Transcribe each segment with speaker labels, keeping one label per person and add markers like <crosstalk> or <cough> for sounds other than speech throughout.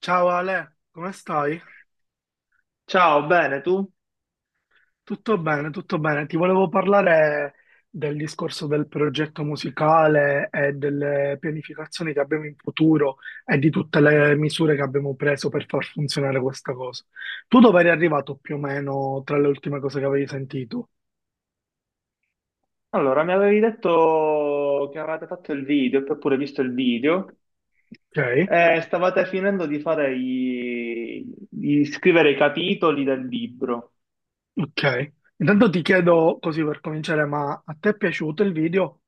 Speaker 1: Ciao Ale, come stai?
Speaker 2: Ciao, bene, tu?
Speaker 1: Tutto bene, tutto bene. Ti volevo parlare del discorso del progetto musicale e delle pianificazioni che abbiamo in futuro e di tutte le misure che abbiamo preso per far funzionare questa cosa. Tu dove eri arrivato più o meno tra le ultime cose che avevi sentito?
Speaker 2: Allora, mi avevi detto che avevate fatto il video e poi pure visto il video
Speaker 1: Ok,
Speaker 2: e stavate finendo di fare di scrivere i capitoli del libro.
Speaker 1: ok. Intanto ti chiedo così per cominciare, ma a te è piaciuto il video?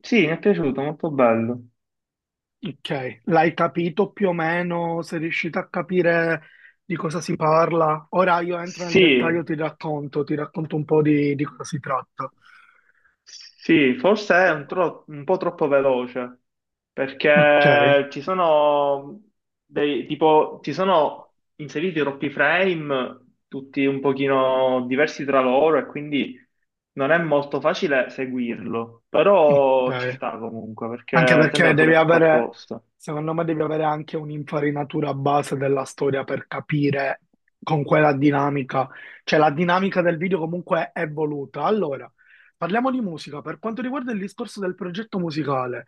Speaker 2: Sì, mi è piaciuto, molto bello.
Speaker 1: Ok, l'hai capito più o meno? Sei riuscito a capire di cosa si parla? Ora io entro nel
Speaker 2: Sì.
Speaker 1: dettaglio, ti racconto un po' di cosa si tratta.
Speaker 2: Sì, forse è un po' troppo veloce,
Speaker 1: Ok,
Speaker 2: perché ci sono tipo, ci sono inseriti troppi frame, tutti un pochino diversi tra loro, e quindi non è molto facile seguirlo, però ci
Speaker 1: ok.
Speaker 2: sta comunque,
Speaker 1: Anche
Speaker 2: perché
Speaker 1: perché
Speaker 2: sembra pure
Speaker 1: devi
Speaker 2: fatto
Speaker 1: avere,
Speaker 2: apposta.
Speaker 1: secondo me devi avere anche un'infarinatura base della storia per capire con quella dinamica. Cioè la dinamica del video comunque è voluta. Allora, parliamo di musica. Per quanto riguarda il discorso del progetto musicale.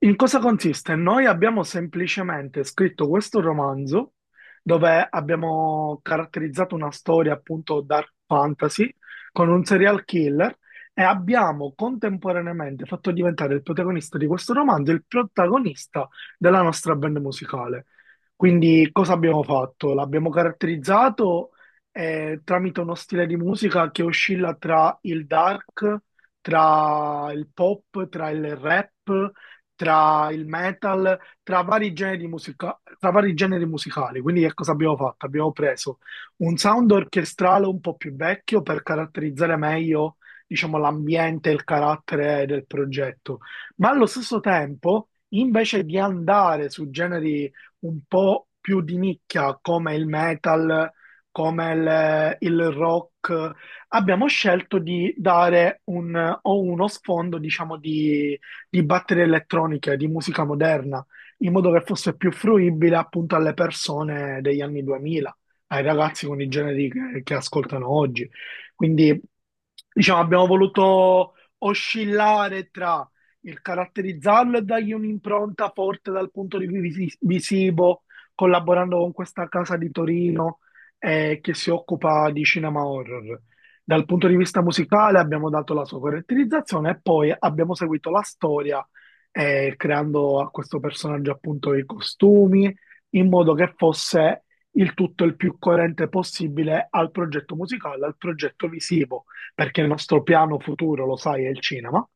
Speaker 1: In cosa consiste? Noi abbiamo semplicemente scritto questo romanzo dove abbiamo caratterizzato una storia appunto dark fantasy con un serial killer e abbiamo contemporaneamente fatto diventare il protagonista di questo romanzo il protagonista della nostra band musicale. Quindi cosa abbiamo fatto? L'abbiamo caratterizzato tramite uno stile di musica che oscilla tra il dark, tra il pop, tra il rap tra il metal, tra vari generi musicali. Quindi che cosa abbiamo fatto? Abbiamo preso un sound orchestrale un po' più vecchio per caratterizzare meglio, diciamo, l'ambiente e il carattere del progetto, ma allo stesso tempo, invece di andare su generi un po' più di nicchia come il metal, come il rock, abbiamo scelto di dare o uno sfondo, diciamo, di batterie elettroniche, di musica moderna, in modo che fosse più fruibile appunto alle persone degli anni 2000, ai ragazzi con i generi che ascoltano oggi. Quindi diciamo, abbiamo voluto oscillare tra il caratterizzarlo e dargli un'impronta forte dal punto di vista visivo, collaborando con questa casa di Torino che si occupa di cinema horror. Dal punto di vista musicale abbiamo dato la sua caratterizzazione e poi abbiamo seguito la storia creando a questo personaggio appunto i costumi in modo che fosse il tutto il più coerente possibile al progetto musicale, al progetto visivo perché il nostro piano futuro, lo sai, è il cinema,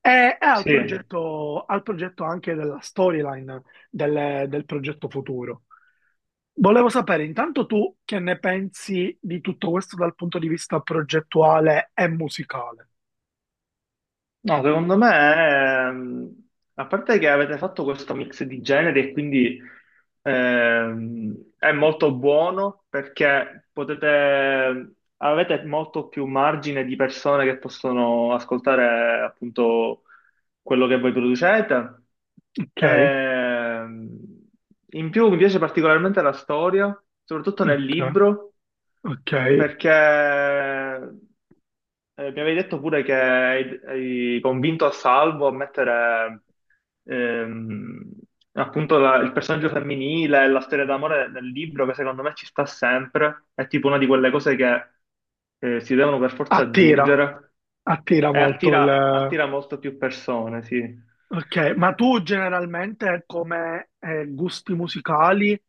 Speaker 1: e
Speaker 2: Sì.
Speaker 1: al progetto anche della storyline del progetto futuro. Volevo sapere intanto tu che ne pensi di tutto questo dal punto di vista progettuale e musicale.
Speaker 2: No, secondo me, ehm, a parte che avete fatto questo mix di generi e quindi è molto buono perché avete molto più margine di persone che possono ascoltare appunto quello che voi producete.
Speaker 1: Ok,
Speaker 2: Ehm, in più mi piace particolarmente la storia, soprattutto nel
Speaker 1: ok,
Speaker 2: libro,
Speaker 1: ok.
Speaker 2: perché mi avevi detto pure che hai convinto a Salvo a mettere ehm, appunto il personaggio femminile e la storia d'amore nel libro, che secondo me ci sta sempre. È tipo una di quelle cose che si devono per forza
Speaker 1: Attira,
Speaker 2: aggiungere
Speaker 1: attira
Speaker 2: e
Speaker 1: molto il,
Speaker 2: attira molto più persone, sì.
Speaker 1: Ok, ma tu generalmente come gusti musicali,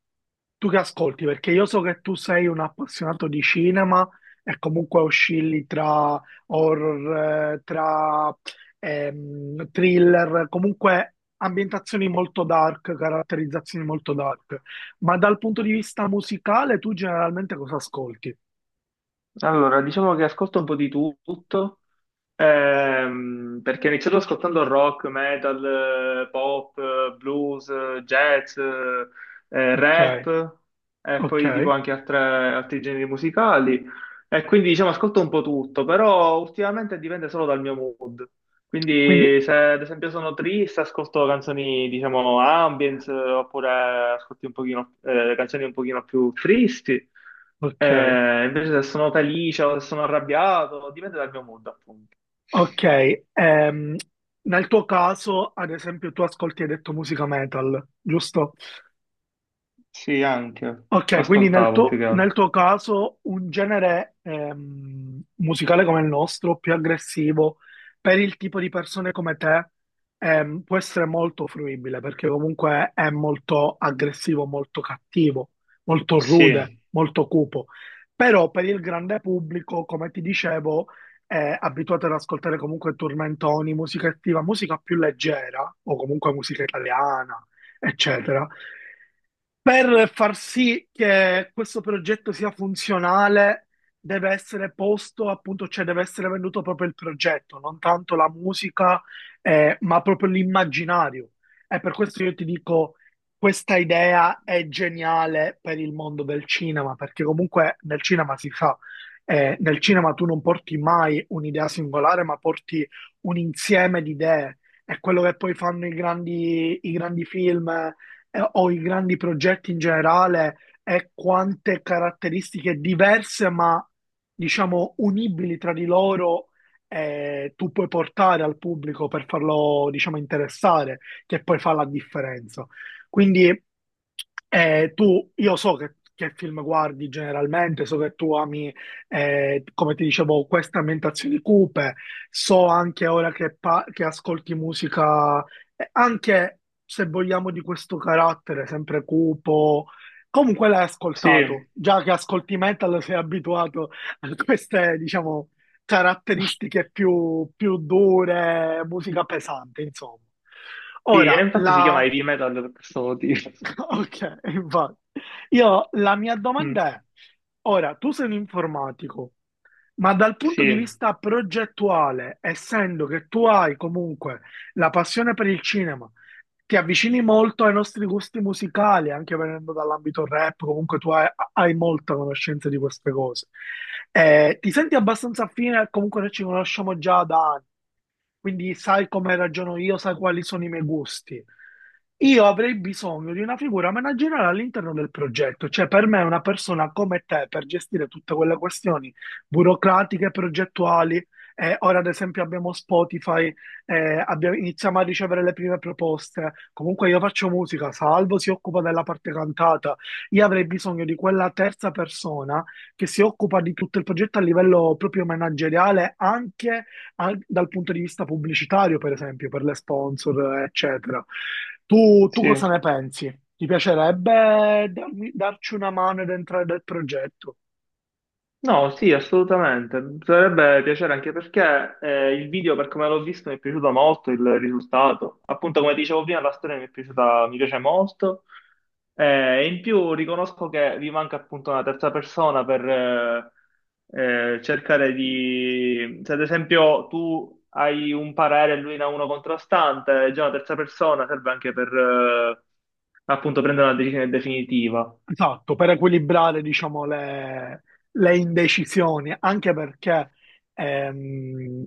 Speaker 1: tu che ascolti? Perché io so che tu sei un appassionato di cinema e comunque oscilli tra horror, tra thriller, comunque ambientazioni molto dark, caratterizzazioni molto dark. Ma dal punto di vista musicale, tu generalmente cosa ascolti?
Speaker 2: Allora, diciamo che ascolto un po' di tutto, perché ho iniziato ascoltando rock, metal, pop, blues, jazz,
Speaker 1: Ok,
Speaker 2: rap, e poi tipo
Speaker 1: ok.
Speaker 2: anche altri generi musicali, e quindi diciamo ascolto un po' tutto, però ultimamente dipende solo dal mio mood.
Speaker 1: Quindi,
Speaker 2: Quindi se ad esempio sono triste, ascolto canzoni, diciamo, ambience, oppure ascolti un pochino, canzoni un pochino più tristi.
Speaker 1: ok.
Speaker 2: Invece se sono felice o se sono arrabbiato, dipende dal mio mood, appunto.
Speaker 1: Ok, ehm, nel tuo caso, ad esempio, tu ascolti, hai detto musica metal, giusto?
Speaker 2: Sì, anche.
Speaker 1: Ok, quindi nel
Speaker 2: Ascoltavo più
Speaker 1: tuo,
Speaker 2: che
Speaker 1: nel
Speaker 2: altro.
Speaker 1: tuo caso un genere musicale come il nostro, più aggressivo, per il tipo di persone come te, può essere molto fruibile perché comunque è molto aggressivo, molto cattivo, molto rude,
Speaker 2: Sì,
Speaker 1: molto cupo. Però per il grande pubblico, come ti dicevo, è abituato ad ascoltare comunque tormentoni, musica attiva, musica più leggera o comunque musica italiana, eccetera. Per far sì che questo progetto sia funzionale, deve essere posto, appunto, cioè deve essere venduto proprio il progetto, non tanto la musica, ma proprio l'immaginario. E per questo io ti dico, questa idea è geniale per il mondo del cinema, perché comunque nel cinema si fa, nel cinema tu non porti mai un'idea singolare, ma porti un insieme di idee. È quello che poi fanno i grandi film o i grandi progetti in generale e quante caratteristiche diverse, ma diciamo unibili tra di loro, tu puoi portare al pubblico per farlo, diciamo, interessare, che poi fa la differenza. Quindi io so che film guardi generalmente, so che tu ami, come ti dicevo, queste ambientazioni cupe, so anche ora che, che ascolti musica e anche se vogliamo di questo carattere sempre cupo, comunque l'hai
Speaker 2: sì,
Speaker 1: ascoltato, già che ascolti metal sei abituato a queste, diciamo, caratteristiche più dure, musica pesante, insomma.
Speaker 2: sì, e
Speaker 1: Ora,
Speaker 2: infatti si chiama
Speaker 1: la...
Speaker 2: heavy metal per questo motivo. <laughs>
Speaker 1: <laughs> Ok, infatti. Io, la mia
Speaker 2: Mm,
Speaker 1: domanda è, ora, tu sei un informatico, ma dal punto di
Speaker 2: sì,
Speaker 1: vista progettuale, essendo che tu hai comunque la passione per il cinema, ti avvicini molto ai nostri gusti musicali, anche venendo dall'ambito rap, comunque hai molta conoscenza di queste cose. Ti senti abbastanza affine, comunque noi ci conosciamo già da anni quindi sai come ragiono io, sai quali sono i miei gusti. Io avrei bisogno di una figura manageriale all'interno del progetto, cioè per me una persona come te per gestire tutte quelle questioni burocratiche, progettuali. Eh, ora ad esempio abbiamo Spotify, iniziamo a ricevere le prime proposte. Comunque io faccio musica, Salvo si occupa della parte cantata. Io avrei bisogno di quella terza persona che si occupa di tutto il progetto a livello proprio manageriale, anche dal punto di vista pubblicitario, per esempio, per le sponsor, eccetera. Tu
Speaker 2: sì.
Speaker 1: cosa ne pensi? Ti piacerebbe darci una mano ed entrare nel progetto?
Speaker 2: No, sì, assolutamente. Mi sarebbe piacere anche perché il video, per come l'ho visto, mi è piaciuto molto il risultato. Appunto, come dicevo prima, la storia mi è piaciuta, mi piace molto. E in più riconosco che vi manca appunto una terza persona per cercare di... Se ad esempio tu hai un parere e lui ne ha uno contrastante, già una terza persona serve anche per appunto prendere una decisione definitiva.
Speaker 1: Esatto, per equilibrare, diciamo, le indecisioni, anche perché ehm,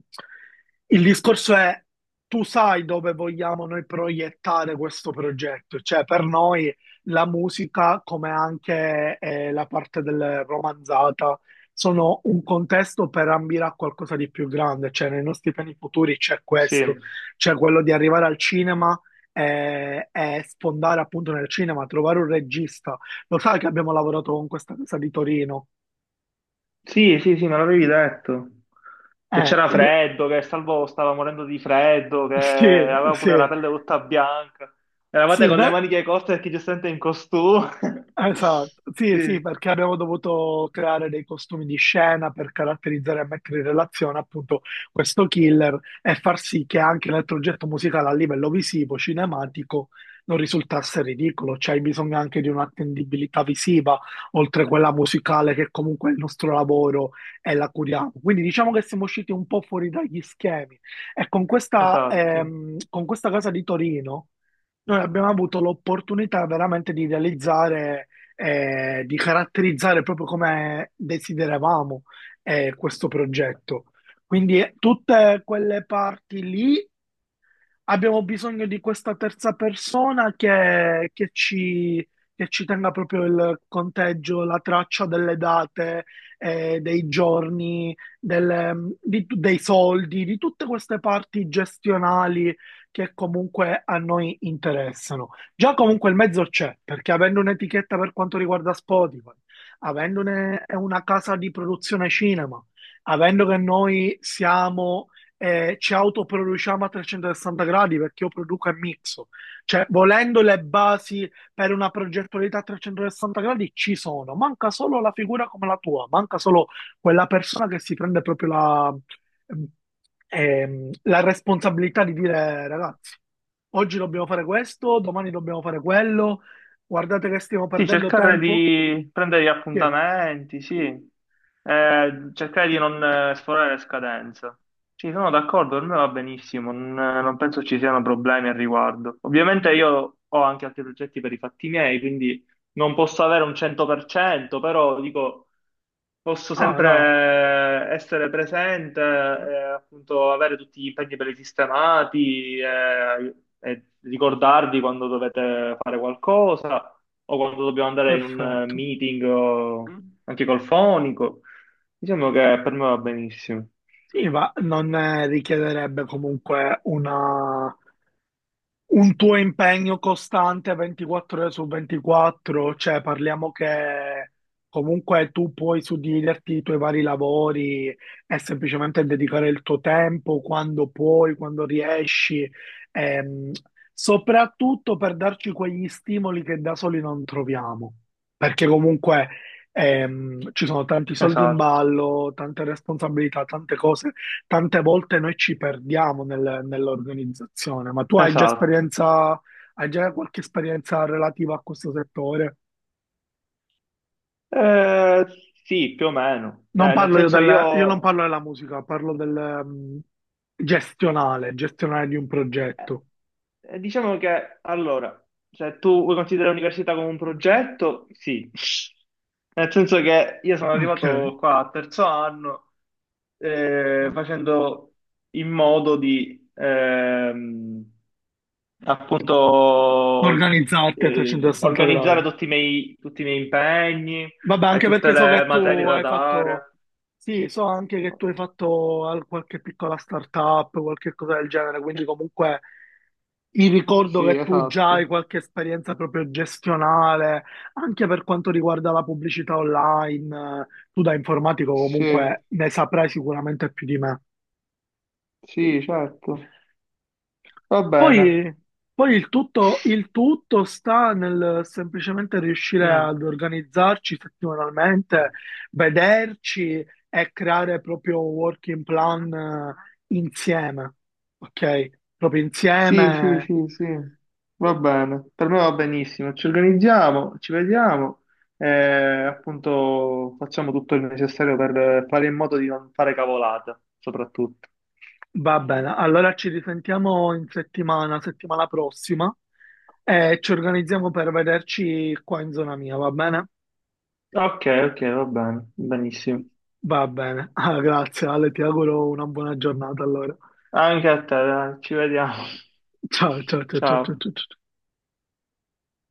Speaker 1: il discorso è tu sai dove vogliamo noi proiettare questo progetto, cioè per noi la musica, come anche la parte del romanzata, sono un contesto per ambire a qualcosa di più grande, cioè nei nostri piani futuri c'è questo,
Speaker 2: Sì.
Speaker 1: c'è quello di arrivare al cinema e sfondare appunto nel cinema, trovare un regista lo sai che abbiamo lavorato con questa casa di Torino?
Speaker 2: Sì, sì, sì, me l'avevi detto. Che
Speaker 1: Eh,
Speaker 2: c'era
Speaker 1: lo-
Speaker 2: freddo, che Salvo stava morendo di freddo, che
Speaker 1: <laughs> sì,
Speaker 2: aveva
Speaker 1: sì,
Speaker 2: pure la pelle tutta bianca. Eravate
Speaker 1: sì,
Speaker 2: con le
Speaker 1: no?
Speaker 2: maniche corte perché giustamente in costume. <laughs>
Speaker 1: Esatto, sì, sì,
Speaker 2: Sì,
Speaker 1: perché abbiamo dovuto creare dei costumi di scena per caratterizzare e mettere in relazione appunto questo killer e far sì che anche il progetto musicale a livello visivo, cinematico, non risultasse ridicolo, cioè hai bisogno anche di un'attendibilità visiva, oltre a quella musicale che comunque è il nostro lavoro e la curiamo. Quindi diciamo che siamo usciti un po' fuori dagli schemi e
Speaker 2: esatto.
Speaker 1: con questa casa di Torino noi abbiamo avuto l'opportunità veramente di realizzare di caratterizzare proprio come desideravamo questo progetto. Quindi tutte quelle parti lì abbiamo bisogno di questa terza persona che ci tenga proprio il conteggio, la traccia delle date, dei giorni, dei soldi, di tutte queste parti gestionali che comunque a noi interessano. Già comunque il mezzo c'è, perché avendo un'etichetta per quanto riguarda Spotify, avendo una casa di produzione cinema, avendo che noi siamo e ci autoproduciamo a 360 gradi perché io produco e mixo. Cioè, volendo le basi per una progettualità a 360 gradi ci sono, manca solo la figura come la tua, manca solo quella persona che si prende proprio la, la responsabilità di dire, ragazzi, oggi dobbiamo fare questo, domani dobbiamo fare quello, guardate che stiamo
Speaker 2: Sì,
Speaker 1: perdendo
Speaker 2: cercare
Speaker 1: tempo.
Speaker 2: di prendere gli
Speaker 1: Chi è?
Speaker 2: appuntamenti, sì. Cercare di non sforare le scadenze. Sì, sono d'accordo, per me va benissimo, non penso ci siano problemi al riguardo. Ovviamente io ho anche altri progetti per i fatti miei, quindi non posso avere un 100%, però dico, posso
Speaker 1: Ah,
Speaker 2: sempre
Speaker 1: no,
Speaker 2: essere presente e appunto avere tutti gli impegni presistemati e ricordarvi quando dovete fare qualcosa o quando dobbiamo andare in un
Speaker 1: perfetto.
Speaker 2: meeting o anche col fonico. Diciamo che per me va benissimo.
Speaker 1: Sì, ma non richiederebbe comunque un tuo impegno costante 24 ore su 24, cioè parliamo che comunque tu puoi suddividerti i tuoi vari lavori e semplicemente dedicare il tuo tempo quando puoi, quando riesci, ehm, soprattutto per darci quegli stimoli che da soli non troviamo, perché comunque ci sono tanti soldi in
Speaker 2: Esatto,
Speaker 1: ballo, tante responsabilità, tante cose tante volte noi ci perdiamo nell'organizzazione, ma tu hai già
Speaker 2: esatto.
Speaker 1: esperienza, hai già qualche esperienza relativa a questo settore?
Speaker 2: Eh, sì, più o meno.
Speaker 1: Non
Speaker 2: Cioè, nel
Speaker 1: parlo io
Speaker 2: senso
Speaker 1: del, io non
Speaker 2: io
Speaker 1: parlo della musica, parlo del, gestionale, gestionale di un
Speaker 2: eh,
Speaker 1: progetto.
Speaker 2: Diciamo che allora, se tu vuoi considerare l'università come un
Speaker 1: Mhm,
Speaker 2: progetto, sì. Nel senso che io sono
Speaker 1: Ok.
Speaker 2: arrivato qua a terzo anno
Speaker 1: Mhm.
Speaker 2: facendo in modo di appunto
Speaker 1: Organizzarti a 360
Speaker 2: organizzare
Speaker 1: gradi.
Speaker 2: tutti i tutti i miei impegni
Speaker 1: Vabbè,
Speaker 2: e
Speaker 1: anche
Speaker 2: tutte
Speaker 1: perché so
Speaker 2: le
Speaker 1: che
Speaker 2: materie
Speaker 1: tu
Speaker 2: da
Speaker 1: hai fatto,
Speaker 2: dare.
Speaker 1: sì, so anche che tu hai fatto qualche piccola startup, qualche cosa del genere, quindi comunque il ricordo
Speaker 2: Sì,
Speaker 1: che tu già hai
Speaker 2: esatto.
Speaker 1: qualche esperienza proprio gestionale, anche per quanto riguarda la pubblicità online, tu da informatico
Speaker 2: Sì,
Speaker 1: comunque ne saprai sicuramente più di me.
Speaker 2: sì, certo. Va bene.
Speaker 1: Poi, poi il tutto sta nel semplicemente riuscire
Speaker 2: Mm.
Speaker 1: ad organizzarci settimanalmente, vederci e creare proprio un working plan insieme, ok? Proprio
Speaker 2: Sì, sì,
Speaker 1: insieme.
Speaker 2: sì, sì, va bene, per me va benissimo, ci organizziamo, ci vediamo e appunto facciamo tutto il necessario per fare in modo di non fare cavolate, soprattutto.
Speaker 1: Va bene, allora ci risentiamo in settimana, settimana prossima e ci organizziamo per vederci qua in zona mia, va bene?
Speaker 2: Ok, ok, va bene, benissimo.
Speaker 1: Va bene, <laughs> Ah, grazie Ale, ti auguro una buona giornata allora.
Speaker 2: Anche a te, dai, ci vediamo. <laughs>
Speaker 1: Ciao, ciao, ciao, ciao, ciao,
Speaker 2: Ciao.
Speaker 1: ciao, ciao.